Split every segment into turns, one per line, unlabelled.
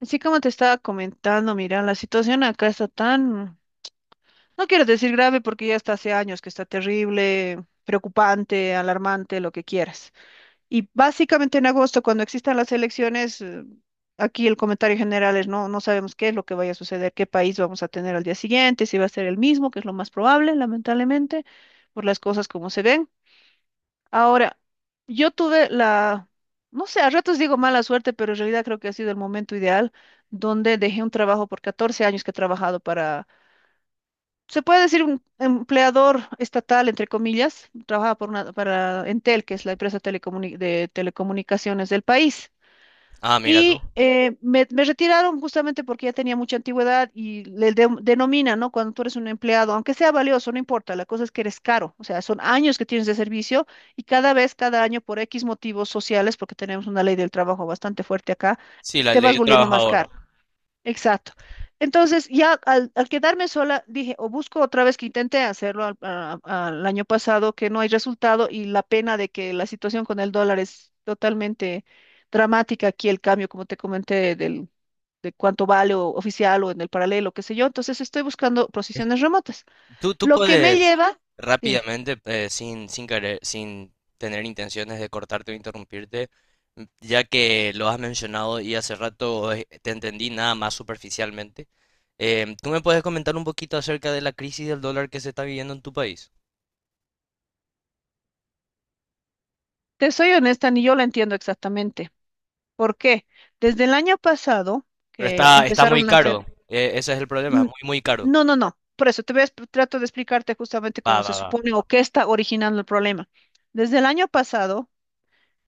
Así como te estaba comentando, mira, la situación acá está tan, no quiero decir grave porque ya está hace años que está terrible, preocupante, alarmante, lo que quieras. Y básicamente en agosto, cuando existan las elecciones, aquí el comentario general es no, no sabemos qué es lo que vaya a suceder, qué país vamos a tener al día siguiente, si va a ser el mismo, que es lo más probable, lamentablemente, por las cosas como se ven. Ahora, yo tuve la, no sé, a ratos digo mala suerte, pero en realidad creo que ha sido el momento ideal donde dejé un trabajo por 14 años que he trabajado para, se puede decir, un empleador estatal, entre comillas, trabajaba por para Entel, que es la empresa de telecomunicaciones del país.
Ah, mira tú.
Y me retiraron justamente porque ya tenía mucha antigüedad y le denomina, ¿no? Cuando tú eres un empleado, aunque sea valioso, no importa, la cosa es que eres caro, o sea, son años que tienes de servicio y cada vez, cada año, por X motivos sociales, porque tenemos una ley del trabajo bastante fuerte acá,
Sí, la
te
ley
vas
del
volviendo, mira, más
trabajador.
caro. Exacto. Entonces, ya al quedarme sola, dije, o busco otra vez, que intenté hacerlo al año pasado, que no hay resultado, y la pena de que la situación con el dólar es totalmente dramática aquí, el cambio, como te comenté, del, de cuánto vale, o oficial o en el paralelo, qué sé yo. Entonces, estoy buscando posiciones remotas.
Tú
Lo que me
puedes
lleva, dime,
rápidamente, sin querer, sin tener intenciones de cortarte o interrumpirte, ya que lo has mencionado y hace rato te entendí nada más superficialmente. ¿Tú me puedes comentar un poquito acerca de la crisis del dólar que se está viviendo en tu país?
te soy honesta, ni yo lo entiendo exactamente. ¿Por qué? Desde el año pasado,
Pero
que
está muy
empezaron a
caro.
hacer.
Ese es el problema,
N-
muy, muy caro.
No, no, no. Por eso te trato de explicarte justamente
Va,
cómo se
va, va.
supone o qué está originando el problema. Desde el año pasado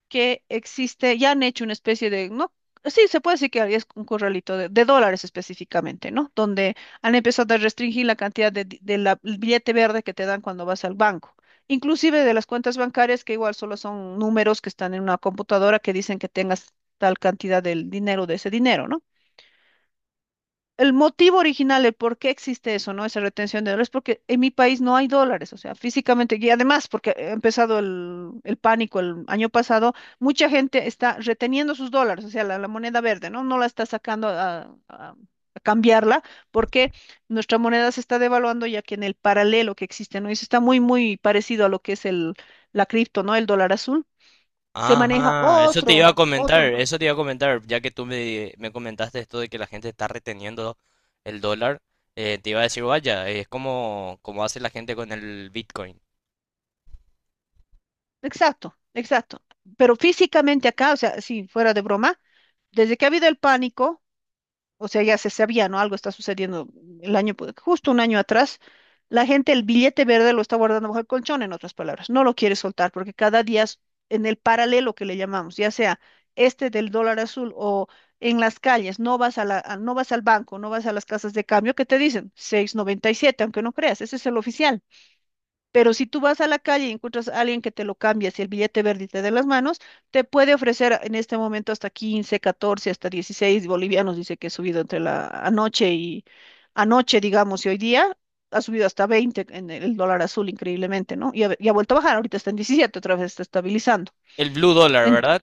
que existe, ya han hecho una especie de, no, sí, se puede decir que es un corralito de dólares específicamente, ¿no? Donde han empezado a restringir la cantidad de, de el billete verde que te dan cuando vas al banco. Inclusive de las cuentas bancarias, que igual solo son números que están en una computadora que dicen que tengas tal cantidad del dinero, de ese dinero, ¿no? El motivo original, el por qué existe eso, ¿no? Esa retención de dólares, porque en mi país no hay dólares, o sea, físicamente, y además, porque ha empezado el pánico el año pasado, mucha gente está reteniendo sus dólares, o sea, la moneda verde, ¿no? No la está sacando a, a cambiarla, porque nuestra moneda se está devaluando, ya que en el paralelo que existe, ¿no? Eso está muy, muy parecido a lo que es el, la cripto, ¿no? El dólar azul, se maneja
Ajá, eso te
otro,
iba a comentar,
otro,
eso te iba a comentar, ya que me comentaste esto de que la gente está reteniendo el dólar, te iba a decir, vaya, es como, como hace la gente con el Bitcoin.
exacto, exacto. Pero físicamente acá, o sea, si fuera de broma, desde que ha habido el pánico, o sea, ya se sabía, ¿no? Algo está sucediendo el año, justo un año atrás, la gente el billete verde lo está guardando bajo el colchón, en otras palabras, no lo quiere soltar porque cada día es, en el paralelo que le llamamos, ya sea este del dólar azul, o en las calles, no vas a la, no vas al banco, no vas a las casas de cambio que te dicen 6,97, aunque no creas, ese es el oficial. Pero si tú vas a la calle y encuentras a alguien que te lo cambia, si el billete verde te de las manos, te puede ofrecer en este momento hasta 15, 14, hasta 16 bolivianos, dice que ha subido entre la anoche y anoche, digamos, y hoy día ha subido hasta 20 en el dólar azul, increíblemente, ¿no? Y ha vuelto a bajar, ahorita está en 17, otra vez está estabilizando.
El blue dólar,
Ujú.
¿verdad?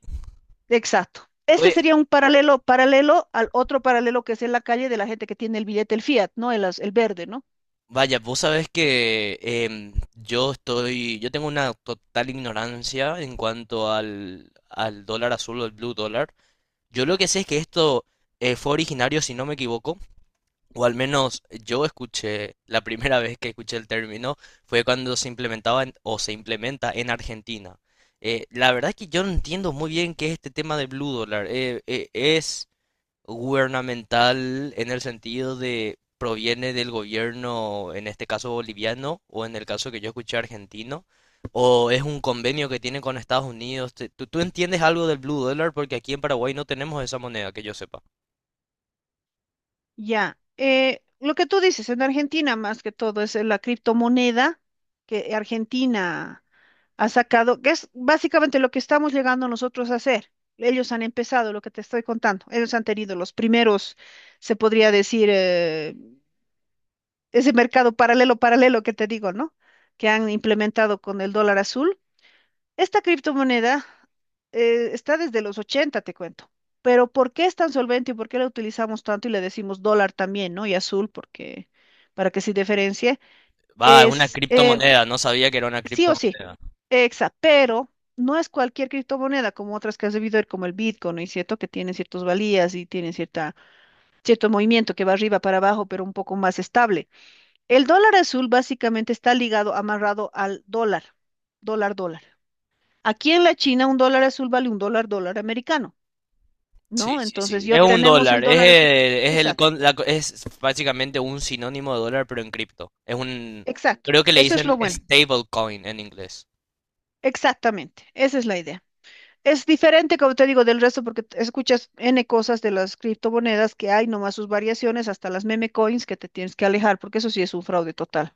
Exacto. Este
Oye,
sería un paralelo, paralelo al otro paralelo que es en la calle, de la gente que tiene el billete, el fiat, ¿no? El verde, ¿no?
vaya, vos sabés que yo yo tengo una total ignorancia en cuanto al dólar azul o el blue dólar. Yo lo que sé es que esto fue originario, si no me equivoco. O al menos yo escuché, la primera vez que escuché el término fue cuando se implementa en Argentina. La verdad es que yo no entiendo muy bien qué es este tema de Blue Dollar. Es gubernamental en el sentido de proviene del gobierno, en este caso boliviano, o en el caso que yo escuché argentino, o es un convenio que tiene con Estados Unidos. ¿Tú entiendes algo del Blue Dollar? Porque aquí en Paraguay no tenemos esa moneda, que yo sepa.
Ya, lo que tú dices, en Argentina más que todo es, la criptomoneda que Argentina ha sacado, que es básicamente lo que estamos llegando nosotros a hacer. Ellos han empezado lo que te estoy contando. Ellos han tenido los primeros, se podría decir, ese mercado paralelo, paralelo que te digo, ¿no? Que han implementado con el dólar azul. Esta criptomoneda, está desde los 80, te cuento. Pero ¿por qué es tan solvente y por qué la utilizamos tanto y le decimos dólar también? ¿No? Y azul, porque para que se diferencie,
Va, es una
es,
criptomoneda, no sabía que era una
sí o sí,
criptomoneda.
pero no es cualquier criptomoneda, como otras que has debido ver, como el Bitcoin, ¿no es cierto? Que tienen ciertas valías y tienen cierta, cierto movimiento que va arriba para abajo, pero un poco más estable. El dólar azul básicamente está ligado, amarrado al dólar, dólar, dólar. Aquí en la China un dólar azul vale un dólar, dólar americano,
Sí,
¿no?
sí,
Entonces
sí.
yo
Es un
tenemos el, sí,
dólar,
dólar azul.
es el
Exacto,
con- la co- es básicamente un sinónimo de dólar, pero en cripto.
exacto.
Creo que le
Eso es
dicen
lo, OK, bueno.
stablecoin en inglés.
Exactamente. Esa es la idea. Es diferente, como te digo, del resto, porque escuchas N cosas de las criptomonedas que hay, nomás sus variaciones, hasta las meme coins, que te tienes que alejar, porque eso sí es un fraude total.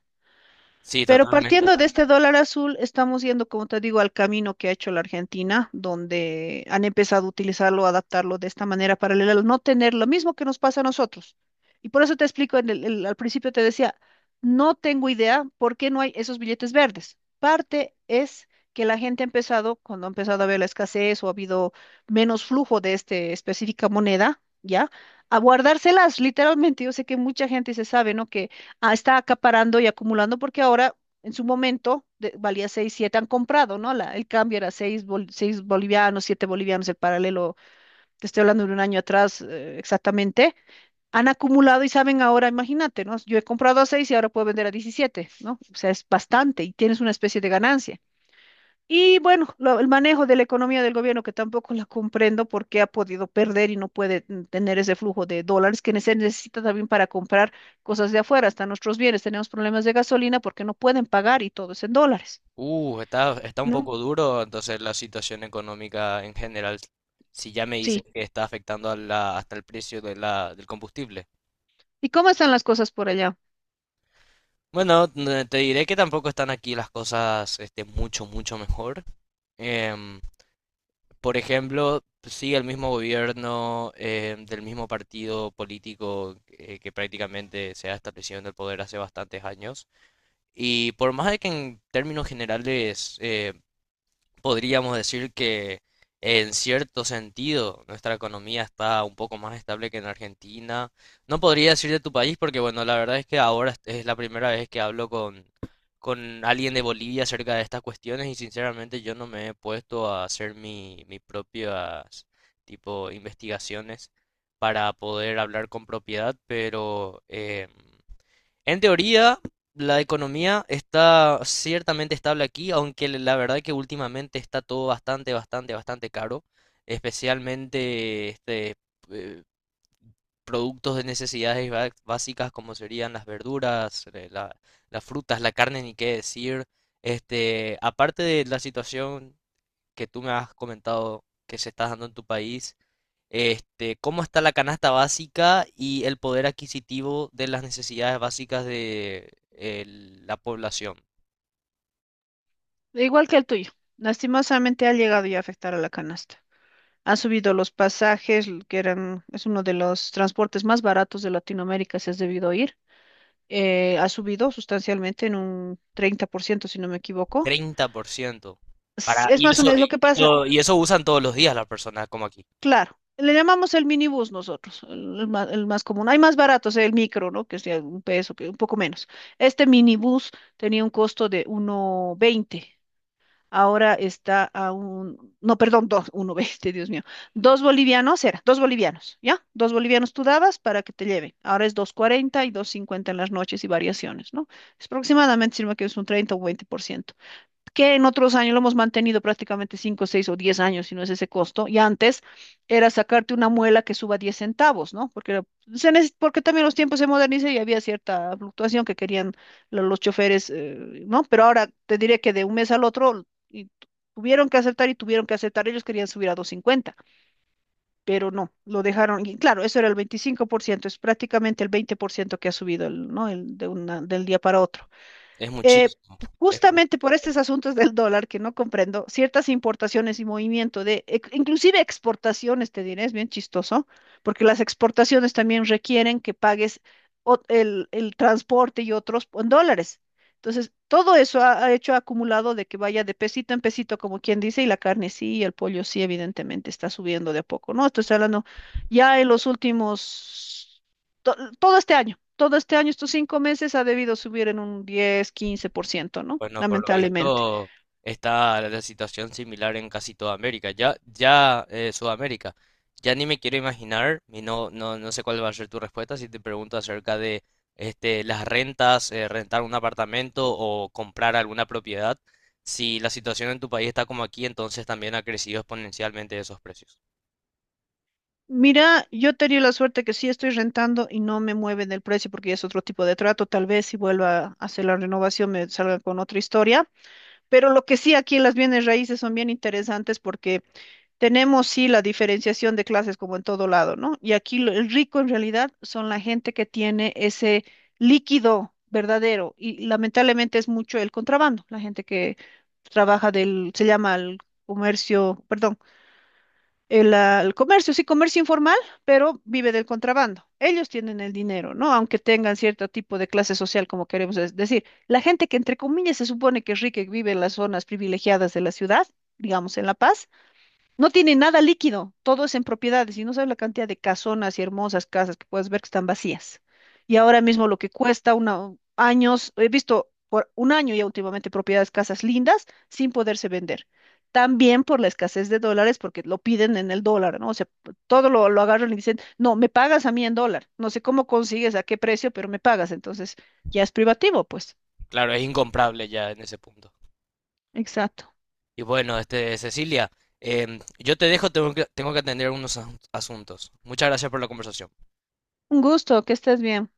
Sí,
Pero
totalmente.
partiendo de este dólar azul, estamos yendo, como te digo, al camino que ha hecho la Argentina, donde han empezado a utilizarlo, a adaptarlo de esta manera paralela, al no tener lo mismo que nos pasa a nosotros. Y por eso te explico, en al principio te decía, no tengo idea por qué no hay esos billetes verdes. Parte es que la gente ha empezado, cuando ha empezado a haber la escasez o ha habido menos flujo de esta específica moneda, ¿ya? A guardárselas, literalmente. Yo sé que mucha gente se sabe, ¿no? Que, ah, está acaparando y acumulando, porque ahora, en su momento, valía seis, siete, han comprado, ¿no? El cambio era seis, seis bolivianos, 7 bolivianos, el paralelo, te estoy hablando de un año atrás, exactamente, han acumulado y saben ahora, imagínate, ¿no? Yo he comprado a 6 y ahora puedo vender a 17, ¿no? O sea, es bastante y tienes una especie de ganancia. Y bueno, el manejo de la economía del gobierno, que tampoco la comprendo porque ha podido perder y no puede, tener ese flujo de dólares que se necesita también para comprar cosas de afuera, hasta nuestros bienes. Tenemos problemas de gasolina porque no pueden pagar y todo es en dólares.
Está un
¿No?
poco duro entonces la situación económica en general. Si ya me dices
Sí.
que está afectando a hasta el precio de del combustible.
¿Y cómo están las cosas por allá?
Bueno, te diré que tampoco están aquí las cosas este, mucho mejor. Em, Por ejemplo, sí, el mismo gobierno del mismo partido político que prácticamente se ha establecido en el poder hace bastantes años. Y por más de que en términos generales podríamos decir que en cierto sentido nuestra economía está un poco más estable que en Argentina. No podría decir de tu país porque, bueno, la verdad es que ahora es la primera vez que hablo con alguien de Bolivia acerca de estas cuestiones, y sinceramente yo no me he puesto a hacer mis propias tipo investigaciones para poder hablar con propiedad, pero... en teoría, la economía está ciertamente estable aquí, aunque la verdad que últimamente está todo bastante caro, especialmente eh, productos de necesidades básicas como serían las verduras, las frutas, la carne, ni qué decir. Este, aparte de la situación que tú me has comentado que se está dando en tu país, este, cómo está la canasta básica y el poder adquisitivo de las necesidades básicas de la población.
Igual que el tuyo. Lastimosamente ha llegado ya a afectar a la canasta. Han subido los pasajes, que eran, es uno de los transportes más baratos de Latinoamérica, si has debido oír. Ha subido sustancialmente en un 30%, si no me equivoco.
30%.
Es
Para,
es
y
más o
eso,
menos lo que
y,
pasa,
y eso usan todos los días las personas como aquí.
claro. Le llamamos el minibús nosotros, el, el más común. Hay más baratos, el micro, ¿no? Que es de un peso, que un poco menos. Este minibús tenía un costo de uno veinte. Ahora está a un, no, perdón, dos, uno, veinte, Dios mío, dos bolivianos era, dos bolivianos, ¿ya? Dos bolivianos tú dabas para que te lleven. Ahora es dos cuarenta y dos cincuenta en las noches y variaciones, ¿no? Es aproximadamente, si no me equivoco, es un 30 o un veinte por ciento, que en otros años lo hemos mantenido prácticamente cinco, 6 o 10 años, si no es ese costo, y antes era sacarte una muela que suba 10 centavos, ¿no? Porque porque también los tiempos se modernizan y había cierta fluctuación que querían los choferes, ¿no? Pero ahora te diré que de un mes al otro, y tuvieron que aceptar y tuvieron que aceptar, ellos querían subir a dos cincuenta, pero no, lo dejaron, y claro, eso era el 25%, es prácticamente el 20% que ha subido, el, ¿no? El, de una, del día para otro,
Es
eh,
muchísimo.
justamente por estos asuntos del dólar que no comprendo, ciertas importaciones y movimiento de, inclusive exportaciones, te diré, es bien chistoso, porque las exportaciones también requieren que pagues, el transporte y otros en dólares. Entonces, todo eso ha hecho acumulado de que vaya de pesito en pesito, como quien dice, y la carne sí, y el pollo sí, evidentemente está subiendo de a poco, ¿no? Estoy hablando ya en los últimos, todo este año, estos 5 meses ha debido subir en un 10, 15%, ¿no?
Bueno, por lo
Lamentablemente.
visto está la situación similar en casi toda América. Ya, ya Sudamérica. Ya ni me quiero imaginar, y no, no, no sé cuál va a ser tu respuesta si te pregunto acerca de este, las rentas, rentar un apartamento o comprar alguna propiedad. Si la situación en tu país está como aquí, entonces también ha crecido exponencialmente esos precios.
Mira, yo tenía la suerte que sí estoy rentando y no me mueven el precio porque ya es otro tipo de trato. Tal vez si vuelva a hacer la renovación me salga con otra historia. Pero lo que sí, aquí en las bienes raíces son bien interesantes, porque tenemos sí la diferenciación de clases como en todo lado, ¿no? Y aquí, el rico en realidad son la gente que tiene ese líquido verdadero, y lamentablemente es mucho el contrabando, la gente que trabaja del, se llama el comercio, perdón, el comercio, sí, comercio informal, pero vive del contrabando. Ellos tienen el dinero, ¿no? Aunque tengan cierto tipo de clase social, como queremos es decir. La gente que, entre comillas, se supone que es rica y vive en las zonas privilegiadas de la ciudad, digamos en La Paz, no tiene nada líquido, todo es en propiedades, y no sabes la cantidad de casonas y hermosas casas que puedes ver que están vacías. Y ahora mismo lo que cuesta una, años, he visto por un año ya últimamente, propiedades, casas lindas sin poderse vender. También por la escasez de dólares, porque lo piden en el dólar, ¿no? O sea, todo lo, agarran y dicen, no, me pagas a mí en dólar. No sé cómo consigues, a qué precio, pero me pagas. Entonces, ya es privativo, pues.
Claro, es incomparable ya en ese punto.
Exacto.
Y bueno, este, Cecilia, em, yo te dejo, tengo que atender unos asuntos. Muchas gracias por la conversación.
Un gusto, que estés bien.